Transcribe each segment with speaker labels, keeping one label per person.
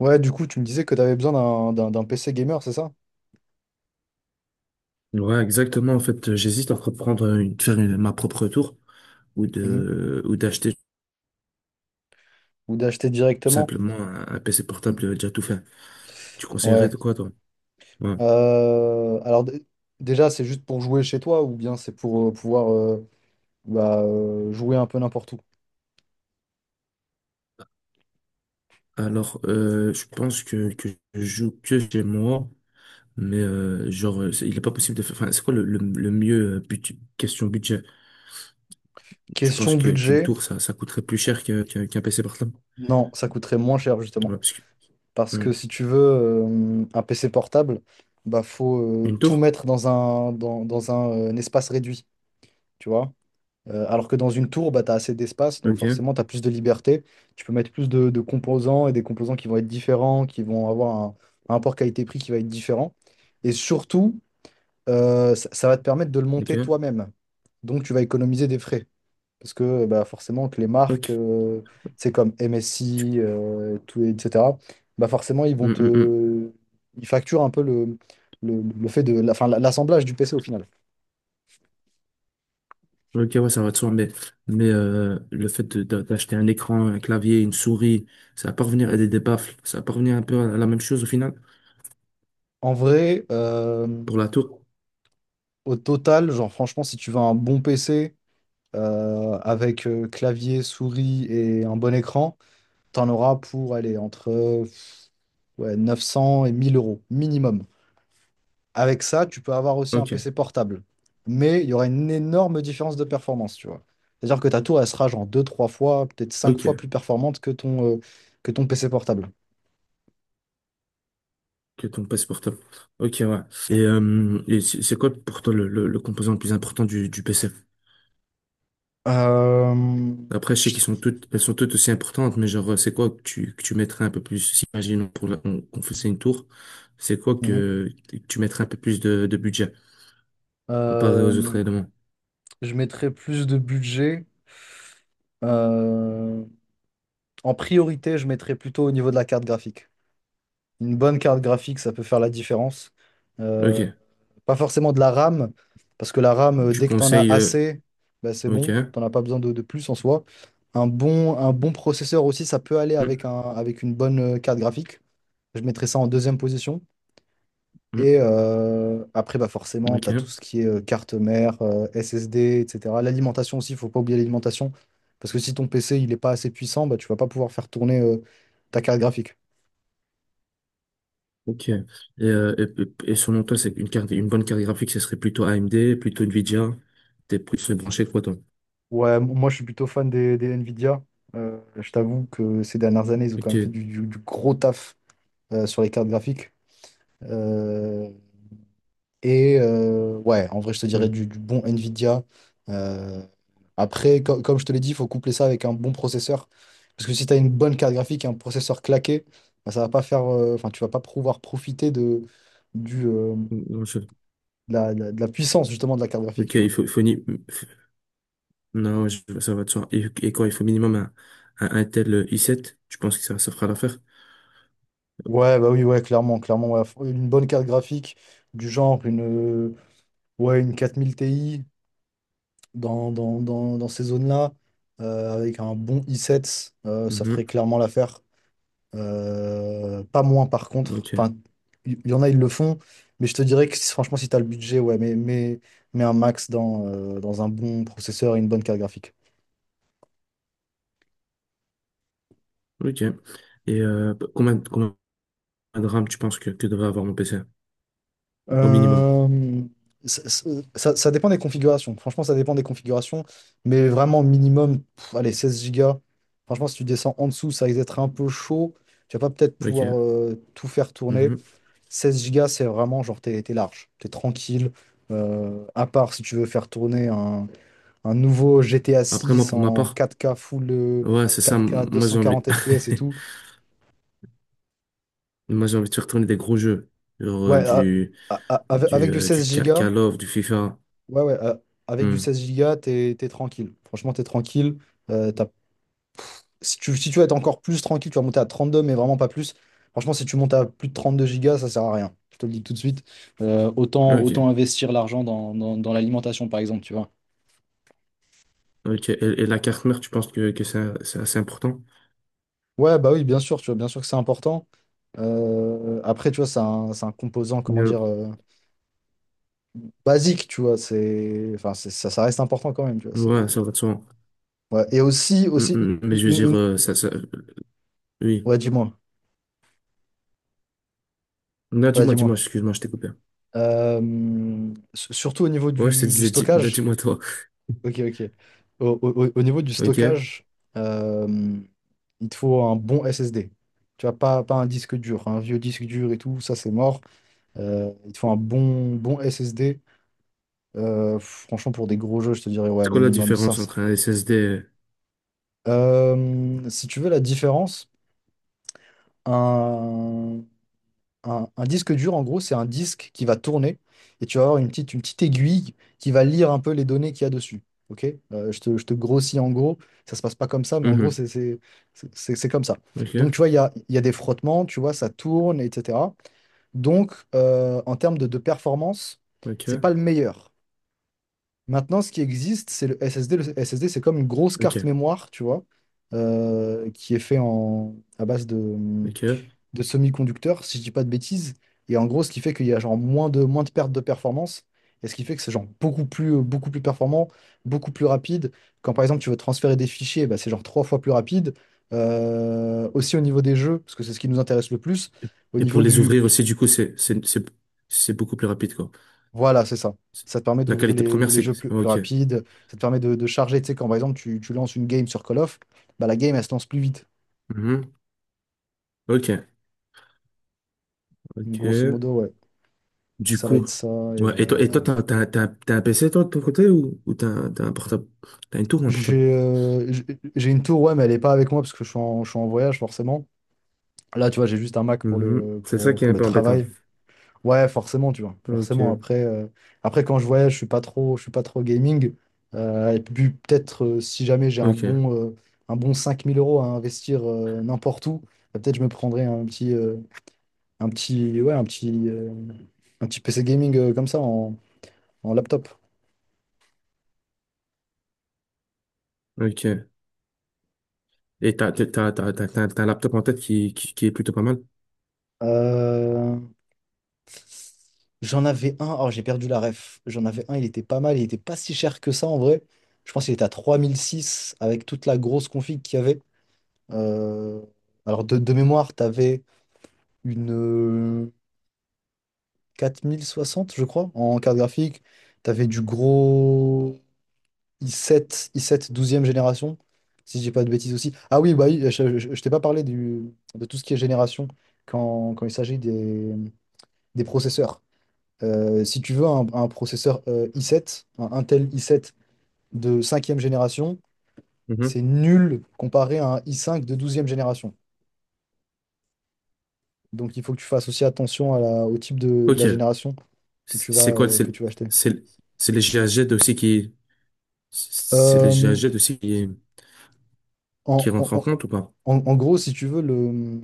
Speaker 1: Ouais, du coup, tu me disais que tu avais besoin d'un PC gamer, c'est ça?
Speaker 2: Ouais, exactement. En fait, j'hésite entre prendre faire ma propre tour
Speaker 1: Mhm.
Speaker 2: ou d'acheter
Speaker 1: Ou d'acheter
Speaker 2: tout
Speaker 1: directement?
Speaker 2: simplement un PC portable déjà tout fait. Tu conseillerais
Speaker 1: Ouais.
Speaker 2: de quoi, toi? Ouais.
Speaker 1: Alors, déjà, c'est juste pour jouer chez toi ou bien c'est pour pouvoir bah, jouer un peu n'importe où?
Speaker 2: Alors, je pense que je joue que chez moi, mais genre, il est pas possible de faire. Enfin, c'est quoi le mieux question budget? Tu penses
Speaker 1: Question
Speaker 2: que qu'une
Speaker 1: budget,
Speaker 2: tour, ça coûterait plus cher que, qu'un PC portable?
Speaker 1: non, ça coûterait moins cher
Speaker 2: Ouais,
Speaker 1: justement.
Speaker 2: parce que-
Speaker 1: Parce que
Speaker 2: Hmm.
Speaker 1: si tu veux un PC portable, bah faut
Speaker 2: Une
Speaker 1: tout
Speaker 2: tour?
Speaker 1: mettre dans un, dans, dans un espace réduit, tu vois? Alors que dans une tour, bah, tu as assez d'espace, donc
Speaker 2: Ok,
Speaker 1: forcément, tu as plus de liberté. Tu peux mettre plus de composants et des composants qui vont être différents, qui vont avoir un rapport qualité-prix qui va être différent. Et surtout, ça va te permettre de le
Speaker 2: ok,
Speaker 1: monter toi-même. Donc, tu vas économiser des frais. Parce que bah, forcément, que les marques,
Speaker 2: ok.
Speaker 1: c'est comme MSI, tout, etc., bah, forcément, ils vont te... Ils facturent un peu le fait de... enfin, l'assemblage du PC au final.
Speaker 2: Ok, ouais, ça va de soi, mais le fait d'acheter un écran, un clavier, une souris, ça va pas revenir à des baffles, ça va pas revenir un peu à la même chose au final
Speaker 1: En vrai...
Speaker 2: pour la tour.
Speaker 1: au total, genre franchement, si tu veux un bon PC avec clavier, souris et un bon écran, t'en auras pour aller entre ouais, 900 et 1 000 € minimum. Avec ça, tu peux avoir aussi un
Speaker 2: Ok,
Speaker 1: PC portable. Mais il y aura une énorme différence de performance, tu vois. C'est-à-dire que ta tour, elle sera genre deux trois fois, peut-être cinq fois
Speaker 2: ok,
Speaker 1: plus performante que ton PC portable.
Speaker 2: que ton passe portable. Ok, ouais. Et c'est quoi pour toi le, le composant le plus important du PC?
Speaker 1: Euh,
Speaker 2: Après, je sais
Speaker 1: je...
Speaker 2: qu'ils sont toutes, elles sont toutes aussi importantes, mais genre, c'est quoi que tu mettrais un peu plus, si imaginons pour qu'on faisait une tour, c'est quoi
Speaker 1: Mhm.
Speaker 2: que tu mettrais un peu plus de budget comparé aux autres
Speaker 1: Euh,
Speaker 2: éléments?
Speaker 1: je mettrais plus de budget. euh, En priorité, je mettrais plutôt au niveau de la carte graphique. Une bonne carte graphique, ça peut faire la différence. Euh,
Speaker 2: Ok,
Speaker 1: Pas forcément de la RAM, parce que la RAM,
Speaker 2: tu
Speaker 1: dès que tu en as
Speaker 2: conseilles,
Speaker 1: assez, bah, c'est
Speaker 2: ok.
Speaker 1: bon. Tu n'en as pas besoin de plus en soi. Un bon processeur aussi, ça peut aller avec
Speaker 2: Mm,
Speaker 1: une bonne carte graphique. Je mettrais ça en deuxième position.
Speaker 2: mm,
Speaker 1: Et après, bah forcément, tu as tout
Speaker 2: ok,
Speaker 1: ce qui est carte mère, SSD, etc. L'alimentation aussi, il faut pas oublier l'alimentation. Parce que si ton PC il n'est pas assez puissant, bah, tu vas pas pouvoir faire tourner ta carte graphique.
Speaker 2: ok. Et selon toi, c'est une carte, une bonne carte graphique, ce serait plutôt AMD, plutôt Nvidia. T'es plus branché quoi, toi?
Speaker 1: Ouais, moi je suis plutôt fan des Nvidia. Je t'avoue que ces dernières années, ils ont quand
Speaker 2: Ok.
Speaker 1: même fait du gros taf sur les cartes graphiques. Euh, et ouais, en vrai, je te dirais
Speaker 2: Mm,
Speaker 1: du bon Nvidia. Euh, Après, comme je te l'ai dit, il faut coupler ça avec un bon processeur. Parce que si tu as une bonne carte graphique et un processeur claqué, bah, ça va pas faire, enfin, tu vas pas pouvoir profiter du, euh,
Speaker 2: mm, non, je-
Speaker 1: de la puissance justement de la carte graphique,
Speaker 2: Ok,
Speaker 1: tu vois.
Speaker 2: il faut ni... mmh, Non, je- ça va de soi. Et quoi, il faut minimum un Intel i7. Tu penses que ça fera l'affaire?
Speaker 1: Ouais, bah oui, ouais, clairement, clairement, ouais. Faut une bonne carte graphique du genre euh, ouais, une 4000 Ti dans ces zones-là, avec un bon i7, ça ferait
Speaker 2: Mhm.
Speaker 1: clairement l'affaire. Pas moins par contre.
Speaker 2: Ok,
Speaker 1: Enfin, y en a, ils le font, mais je te dirais que franchement, si tu as le budget, ouais, mais un max dans un bon processeur et une bonne carte graphique.
Speaker 2: ok. Et combien, combien de RAM tu penses que devrait avoir mon PC? Au minimum.
Speaker 1: Euh, ça, ça dépend des configurations. Franchement, ça dépend des configurations. Mais vraiment, minimum, pff, allez, 16 gigas. Franchement, si tu descends en dessous, ça risque d'être un peu chaud. Tu vas pas peut-être pouvoir
Speaker 2: Ok.
Speaker 1: tout faire tourner.
Speaker 2: Mhm.
Speaker 1: Seize gigas, c'est vraiment genre, t'es large, t'es tranquille. À part si tu veux faire tourner un nouveau GTA
Speaker 2: Après, moi,
Speaker 1: six
Speaker 2: pour ma
Speaker 1: en
Speaker 2: part,
Speaker 1: quatre k full
Speaker 2: ouais, c'est ça.
Speaker 1: 4K
Speaker 2: Moi, j'ai envie,
Speaker 1: 240 FPS et tout.
Speaker 2: moi, j'ai envie de retourner des gros jeux. Genre,
Speaker 1: Ouais,
Speaker 2: du,
Speaker 1: avec, avec du
Speaker 2: du
Speaker 1: 16 gigas.
Speaker 2: Call of, du FIFA.
Speaker 1: Ouais, ouais, avec du
Speaker 2: Hmm.
Speaker 1: 16 gigas, t'es tranquille. Franchement, t'es tranquille. Euh, t'as- si tu veux être encore plus tranquille, tu vas monter à 32, mais vraiment pas plus. Franchement, si tu montes à plus de 32 gigas, ça sert à rien. Je te le dis tout de suite. Autant
Speaker 2: Ok.
Speaker 1: investir l'argent dans l'alimentation, par exemple, tu vois.
Speaker 2: Ok. Et la carte mère, tu penses que c'est assez important?
Speaker 1: Ouais, bah oui, bien sûr, tu vois, bien sûr que c'est important. Après, tu vois, c'est un composant, comment
Speaker 2: Euh,
Speaker 1: dire, basique, tu vois. Enfin, ça reste important quand même, tu vois. C'est,
Speaker 2: Ouais, ça va de soi.
Speaker 1: ouais. Et aussi,
Speaker 2: Hmm,
Speaker 1: aussi,
Speaker 2: hmm. Mais
Speaker 1: une,
Speaker 2: je veux dire,
Speaker 1: une- une-
Speaker 2: ça, ça, oui.
Speaker 1: ouais, dis-moi.
Speaker 2: Non,
Speaker 1: Ouais,
Speaker 2: dis-moi,
Speaker 1: dis-moi.
Speaker 2: dis-moi, excuse-moi, je t'ai coupé.
Speaker 1: Surtout au niveau
Speaker 2: Ouais, je te
Speaker 1: du
Speaker 2: disais, dis, non,
Speaker 1: stockage.
Speaker 2: dis-moi toi.
Speaker 1: Ok, ok. Au niveau du
Speaker 2: Ok.
Speaker 1: stockage, euh, il te faut un bon SSD. Tu vois, pas un disque dur, un vieux disque dur et tout, ça c'est mort. Il te faut un bon SSD. Franchement, pour des gros jeux, je te dirais, ouais,
Speaker 2: C'est quoi la
Speaker 1: minimum
Speaker 2: différence
Speaker 1: 500.
Speaker 2: entre un SSD
Speaker 1: Si tu veux la différence, un, un disque dur, en gros, c'est un disque qui va tourner et tu vas avoir une petite aiguille qui va lire un peu les données qu'il y a dessus. Ok? Je te grossis en gros, ça se passe pas comme ça, mais en gros,
Speaker 2: Mhm.
Speaker 1: c'est comme ça. Donc, tu
Speaker 2: Ok.
Speaker 1: vois, il y a des frottements, tu vois, ça tourne, etc. Donc, en termes de performance, c'est pas
Speaker 2: Ok.
Speaker 1: le meilleur. Maintenant, ce qui existe, c'est le SSD. Le SSD, c'est comme une grosse
Speaker 2: Ok.
Speaker 1: carte mémoire, tu vois, qui est fait à base de,
Speaker 2: Ok.
Speaker 1: de semi-conducteurs, si je dis pas de bêtises. Et en gros, ce qui fait qu'il y a genre moins de pertes de performance. Et ce qui fait que c'est genre beaucoup plus performant, beaucoup plus rapide. Quand par exemple tu veux transférer des fichiers, bah, c'est genre trois fois plus rapide. Aussi au niveau des jeux, parce que c'est ce qui nous intéresse le plus. Au
Speaker 2: Et pour
Speaker 1: niveau
Speaker 2: les ouvrir aussi, du coup, c'est c'est beaucoup plus rapide, quoi.
Speaker 1: Voilà, c'est ça.
Speaker 2: C'est-
Speaker 1: Ça te permet
Speaker 2: La
Speaker 1: d'ouvrir
Speaker 2: qualité
Speaker 1: les,
Speaker 2: première,
Speaker 1: les
Speaker 2: c'est
Speaker 1: jeux plus,
Speaker 2: c'est-
Speaker 1: plus
Speaker 2: ok.
Speaker 1: rapides. Ça te permet de charger. Tu sais, quand par exemple tu lances une game sur Call of, bah, la game elle se lance plus vite.
Speaker 2: Mhm. Ok,
Speaker 1: Donc, grosso
Speaker 2: ok.
Speaker 1: modo, ouais.
Speaker 2: Du
Speaker 1: Ça va
Speaker 2: coup,
Speaker 1: être ça.
Speaker 2: ouais. Et toi, t'as un PC toi de ton côté ou t'as un portable, t'as une tour ou un portable?
Speaker 1: J'ai euh, j'ai j'ai une tour, ouais, mais elle est pas avec moi parce que je suis en voyage, forcément. Là, tu vois, j'ai juste un Mac pour
Speaker 2: Mhm.
Speaker 1: le,
Speaker 2: C'est ça
Speaker 1: pour,
Speaker 2: qui est
Speaker 1: pour
Speaker 2: un
Speaker 1: le
Speaker 2: peu embêtant.
Speaker 1: travail. Ouais, forcément, tu vois.
Speaker 2: Ok,
Speaker 1: Après quand je voyage, je suis pas trop gaming. Et puis, peut-être, si jamais j'ai un
Speaker 2: ok,
Speaker 1: bon, euh, un bon 5 000 € à investir n'importe où, bah, peut-être je me prendrais un petit, ouais, un petit, euh, un petit PC gaming comme ça en laptop.
Speaker 2: ok. Et t'as un laptop en tête qui est plutôt pas mal.
Speaker 1: Euh, J'en avais un, oh j'ai perdu la ref. J'en avais un, il était pas mal, il était pas si cher que ça en vrai. Je pense qu'il était à 3006 avec toute la grosse config qu'il y avait. Euh, Alors de mémoire, t'avais une 4060, je crois, en carte graphique. T'avais du gros i sept douzième génération, si je dis pas de bêtises aussi. Ah oui, bah oui, je t'ai pas parlé de tout ce qui est génération quand il s'agit des processeurs. Si tu veux un processeur i7, un Intel i7 de cinquième génération,
Speaker 2: Mhm.
Speaker 1: c'est nul comparé à un i5 de douzième génération. Donc il faut que tu fasses aussi attention au type de la
Speaker 2: Ok.
Speaker 1: génération que
Speaker 2: C'est quoi?
Speaker 1: tu vas acheter.
Speaker 2: C'est c'est les GHz aussi qui c'est les
Speaker 1: Euh,
Speaker 2: GHZ aussi qui qui
Speaker 1: en, en-
Speaker 2: rentrent en
Speaker 1: en-
Speaker 2: compte ou pas?
Speaker 1: En gros, si tu veux, le,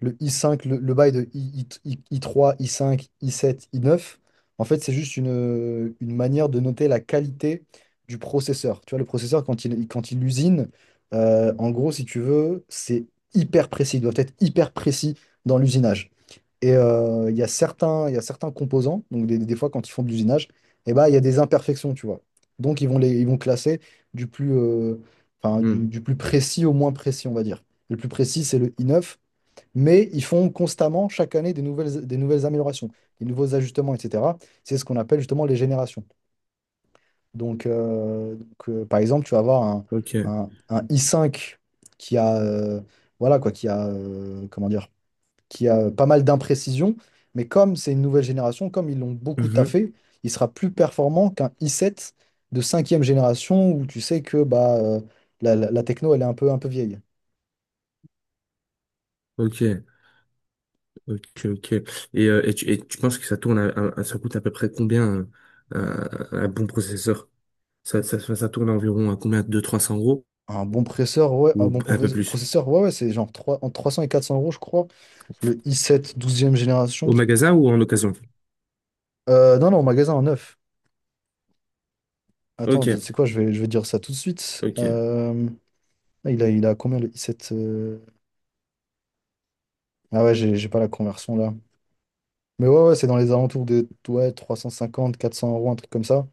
Speaker 1: le i5, le bail de 3 i5, i7, i9, en fait, c'est juste une manière de noter la qualité du processeur. Tu vois, le processeur, quand il usine, en gros, si tu veux, c'est hyper précis. Il doit être hyper précis dans l'usinage. Et il y a certains composants, donc des fois, quand ils font de l'usinage, eh ben, il y a des imperfections, tu vois. Donc, ils vont classer du plus, euh, enfin,
Speaker 2: Hmm.
Speaker 1: du plus précis au moins précis, on va dire. Le plus précis, c'est le i9. Mais ils font constamment, chaque année, des nouvelles améliorations, des nouveaux ajustements, etc. C'est ce qu'on appelle justement les générations. Par exemple, tu vas avoir un,
Speaker 2: Ok.
Speaker 1: un- un i cinq qui a, voilà quoi, qui a, comment dire, qui a pas mal d'imprécisions, mais comme c'est une nouvelle génération, comme ils l'ont beaucoup
Speaker 2: Mhm.
Speaker 1: taffé, il sera plus performant qu'un i sept de cinquième génération où tu sais que bah, la techno, elle est un peu vieille.
Speaker 2: Ok. Ok. Ok. Et tu penses que ça tourne ça coûte à peu près combien un, un bon processeur? Ça, ça tourne à environ à combien? 200 300 euros
Speaker 1: Un bon processeur, ouais, un
Speaker 2: ou
Speaker 1: bon
Speaker 2: un peu plus?
Speaker 1: processeur, ouais, ouais, c'est genre entre 300 et 400 euros, je crois. Le i7 douzième génération.
Speaker 2: Au magasin ou en occasion?
Speaker 1: Non, non, au magasin en neuf. Attends, tu
Speaker 2: Ok.
Speaker 1: sais quoi, je vais dire ça tout de suite.
Speaker 2: Ok.
Speaker 1: Là, il a combien le i7? Ah ouais, j'ai pas la conversion là. Mais ouais, ouais, c'est dans les alentours de ouais, trois cent cinquante quatre cents euros, un truc comme ça.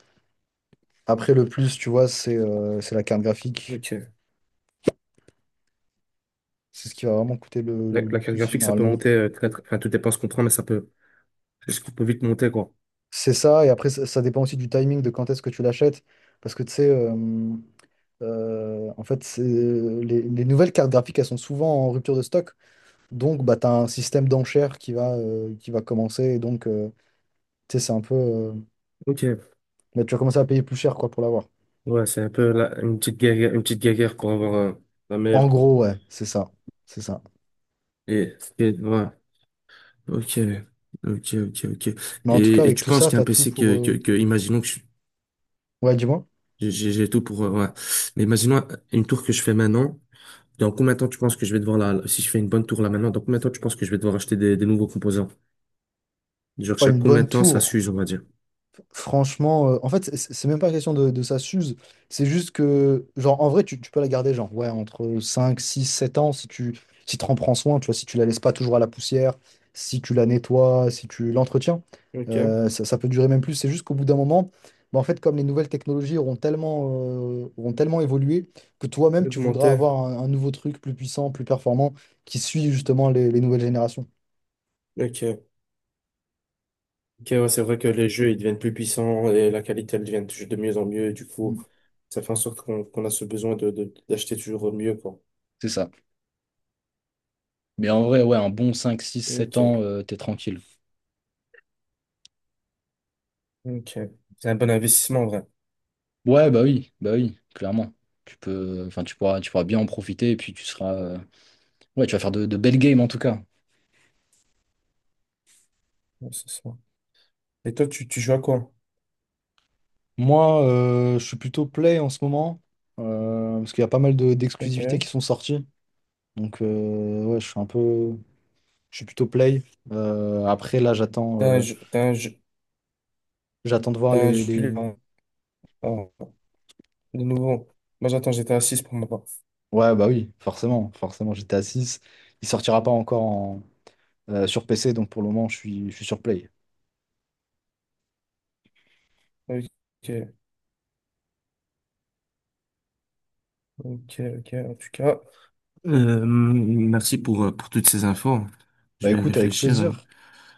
Speaker 1: Après, le plus, tu vois, c'est la carte graphique.
Speaker 2: Ok.
Speaker 1: C'est ce qui va vraiment coûter le, le- le
Speaker 2: La carte
Speaker 1: plus
Speaker 2: graphique, ça peut
Speaker 1: généralement.
Speaker 2: monter, très, enfin, tout dépend ce qu'on prend, mais ça peut vite monter, quoi.
Speaker 1: C'est ça, et après, ça dépend aussi du timing de quand est-ce que tu l'achètes. Parce que tu sais. En fait, les nouvelles cartes graphiques, elles sont souvent en rupture de stock. Donc, bah, tu as un système d'enchères qui va commencer. Et donc, tu sais, c'est un peu.
Speaker 2: Ok.
Speaker 1: Bah, tu vas commencer à payer plus cher quoi, pour l'avoir.
Speaker 2: Ouais, c'est un peu une petite guerre pour avoir la meilleure,
Speaker 1: En
Speaker 2: quoi.
Speaker 1: gros, ouais, c'est ça. C'est ça.
Speaker 2: Et ouais. Ok, ok, ok, ok.
Speaker 1: Mais en tout cas,
Speaker 2: Et
Speaker 1: avec
Speaker 2: tu
Speaker 1: tout
Speaker 2: penses
Speaker 1: ça, tu
Speaker 2: qu'un
Speaker 1: as tout
Speaker 2: PC
Speaker 1: pour.
Speaker 2: que, imaginons que
Speaker 1: Ouais, dis-moi.
Speaker 2: j'ai tout pour, ouais. Mais imaginons une tour que je fais maintenant. Dans combien de temps tu penses que je vais devoir la, si je fais une bonne tour là maintenant, dans combien de temps tu penses que je vais devoir acheter des nouveaux composants? Genre
Speaker 1: Ouais,
Speaker 2: chaque
Speaker 1: une
Speaker 2: combien
Speaker 1: bonne
Speaker 2: de temps ça
Speaker 1: tour.
Speaker 2: s'use, on va dire.
Speaker 1: Franchement, en fait, c'est même pas question de ça s'use. C'est juste que, genre, en vrai, tu peux la garder, genre, ouais, entre 5 6 7 ans, si t'en prends soin, tu vois, si tu la laisses pas toujours à la poussière, si tu la nettoies, si tu l'entretiens,
Speaker 2: Ok,
Speaker 1: ça peut durer même plus. C'est juste qu'au bout d'un moment, bah, en fait, comme les nouvelles technologies auront tellement évolué, que toi-même, tu voudras
Speaker 2: augmenter.
Speaker 1: avoir un nouveau truc plus puissant, plus performant, qui suit justement les nouvelles générations.
Speaker 2: Ok. Ok, ouais, c'est vrai que les jeux, ils deviennent plus puissants et la qualité, elle devient toujours de mieux en mieux. Du coup,
Speaker 1: Mm.
Speaker 2: ça fait en sorte qu'on qu'on a ce besoin de, d'acheter toujours mieux, quoi.
Speaker 1: C'est ça. Mais en vrai, ouais, un bon 5 6 sept ans,
Speaker 2: Ok,
Speaker 1: t'es tranquille.
Speaker 2: ok. C'est un bon investissement, en
Speaker 1: Ouais, bah oui, clairement. Enfin, tu pourras bien en profiter et puis tu vas faire de belles games en tout cas.
Speaker 2: vrai. Et toi, tu joues à quoi?
Speaker 1: Moi, je suis plutôt play en ce moment, parce qu'il y a pas mal d'exclusivités qui
Speaker 2: Ok.
Speaker 1: sont sorties. Donc, ouais, je suis un peu. Je suis plutôt play. Après, là, j'attends
Speaker 2: T'as un
Speaker 1: euh,
Speaker 2: jeu, t'as un jeu,
Speaker 1: j'attends de voir
Speaker 2: t'as un
Speaker 1: les,
Speaker 2: jeu, ah, ah, de nouveau. Moi, j'attends j'étais à 6 pour ma part.
Speaker 1: ouais, bah oui, forcément, forcément, j'étais à six. Il sortira pas encore sur PC, donc pour le moment, je suis sur play.
Speaker 2: Ok. Ok, ok. En tout cas, merci pour toutes ces infos.
Speaker 1: Bah
Speaker 2: Je vais
Speaker 1: écoute, avec
Speaker 2: réfléchir.
Speaker 1: plaisir.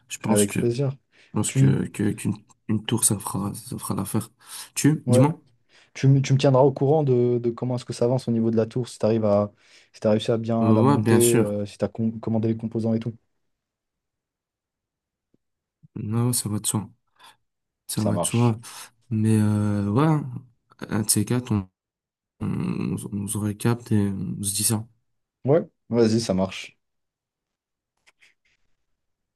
Speaker 1: Avec
Speaker 2: Je
Speaker 1: plaisir.
Speaker 2: pense
Speaker 1: Tu.
Speaker 2: que, qu'une une tour, ça fera l'affaire. Tu,
Speaker 1: Ouais.
Speaker 2: dis-moi.
Speaker 1: Tu me tiendras au courant de comment est-ce que ça avance au niveau de la tour, si t'as réussi à bien la
Speaker 2: Ouais, bien
Speaker 1: monter,
Speaker 2: sûr.
Speaker 1: si tu as commandé les composants et tout.
Speaker 2: Non, ça va de soi. Ça
Speaker 1: Ça
Speaker 2: va de
Speaker 1: marche.
Speaker 2: soi. Mais ouais, un de ces quatre, on se recapte et on se dit ça.
Speaker 1: Ouais, vas-y, ça marche.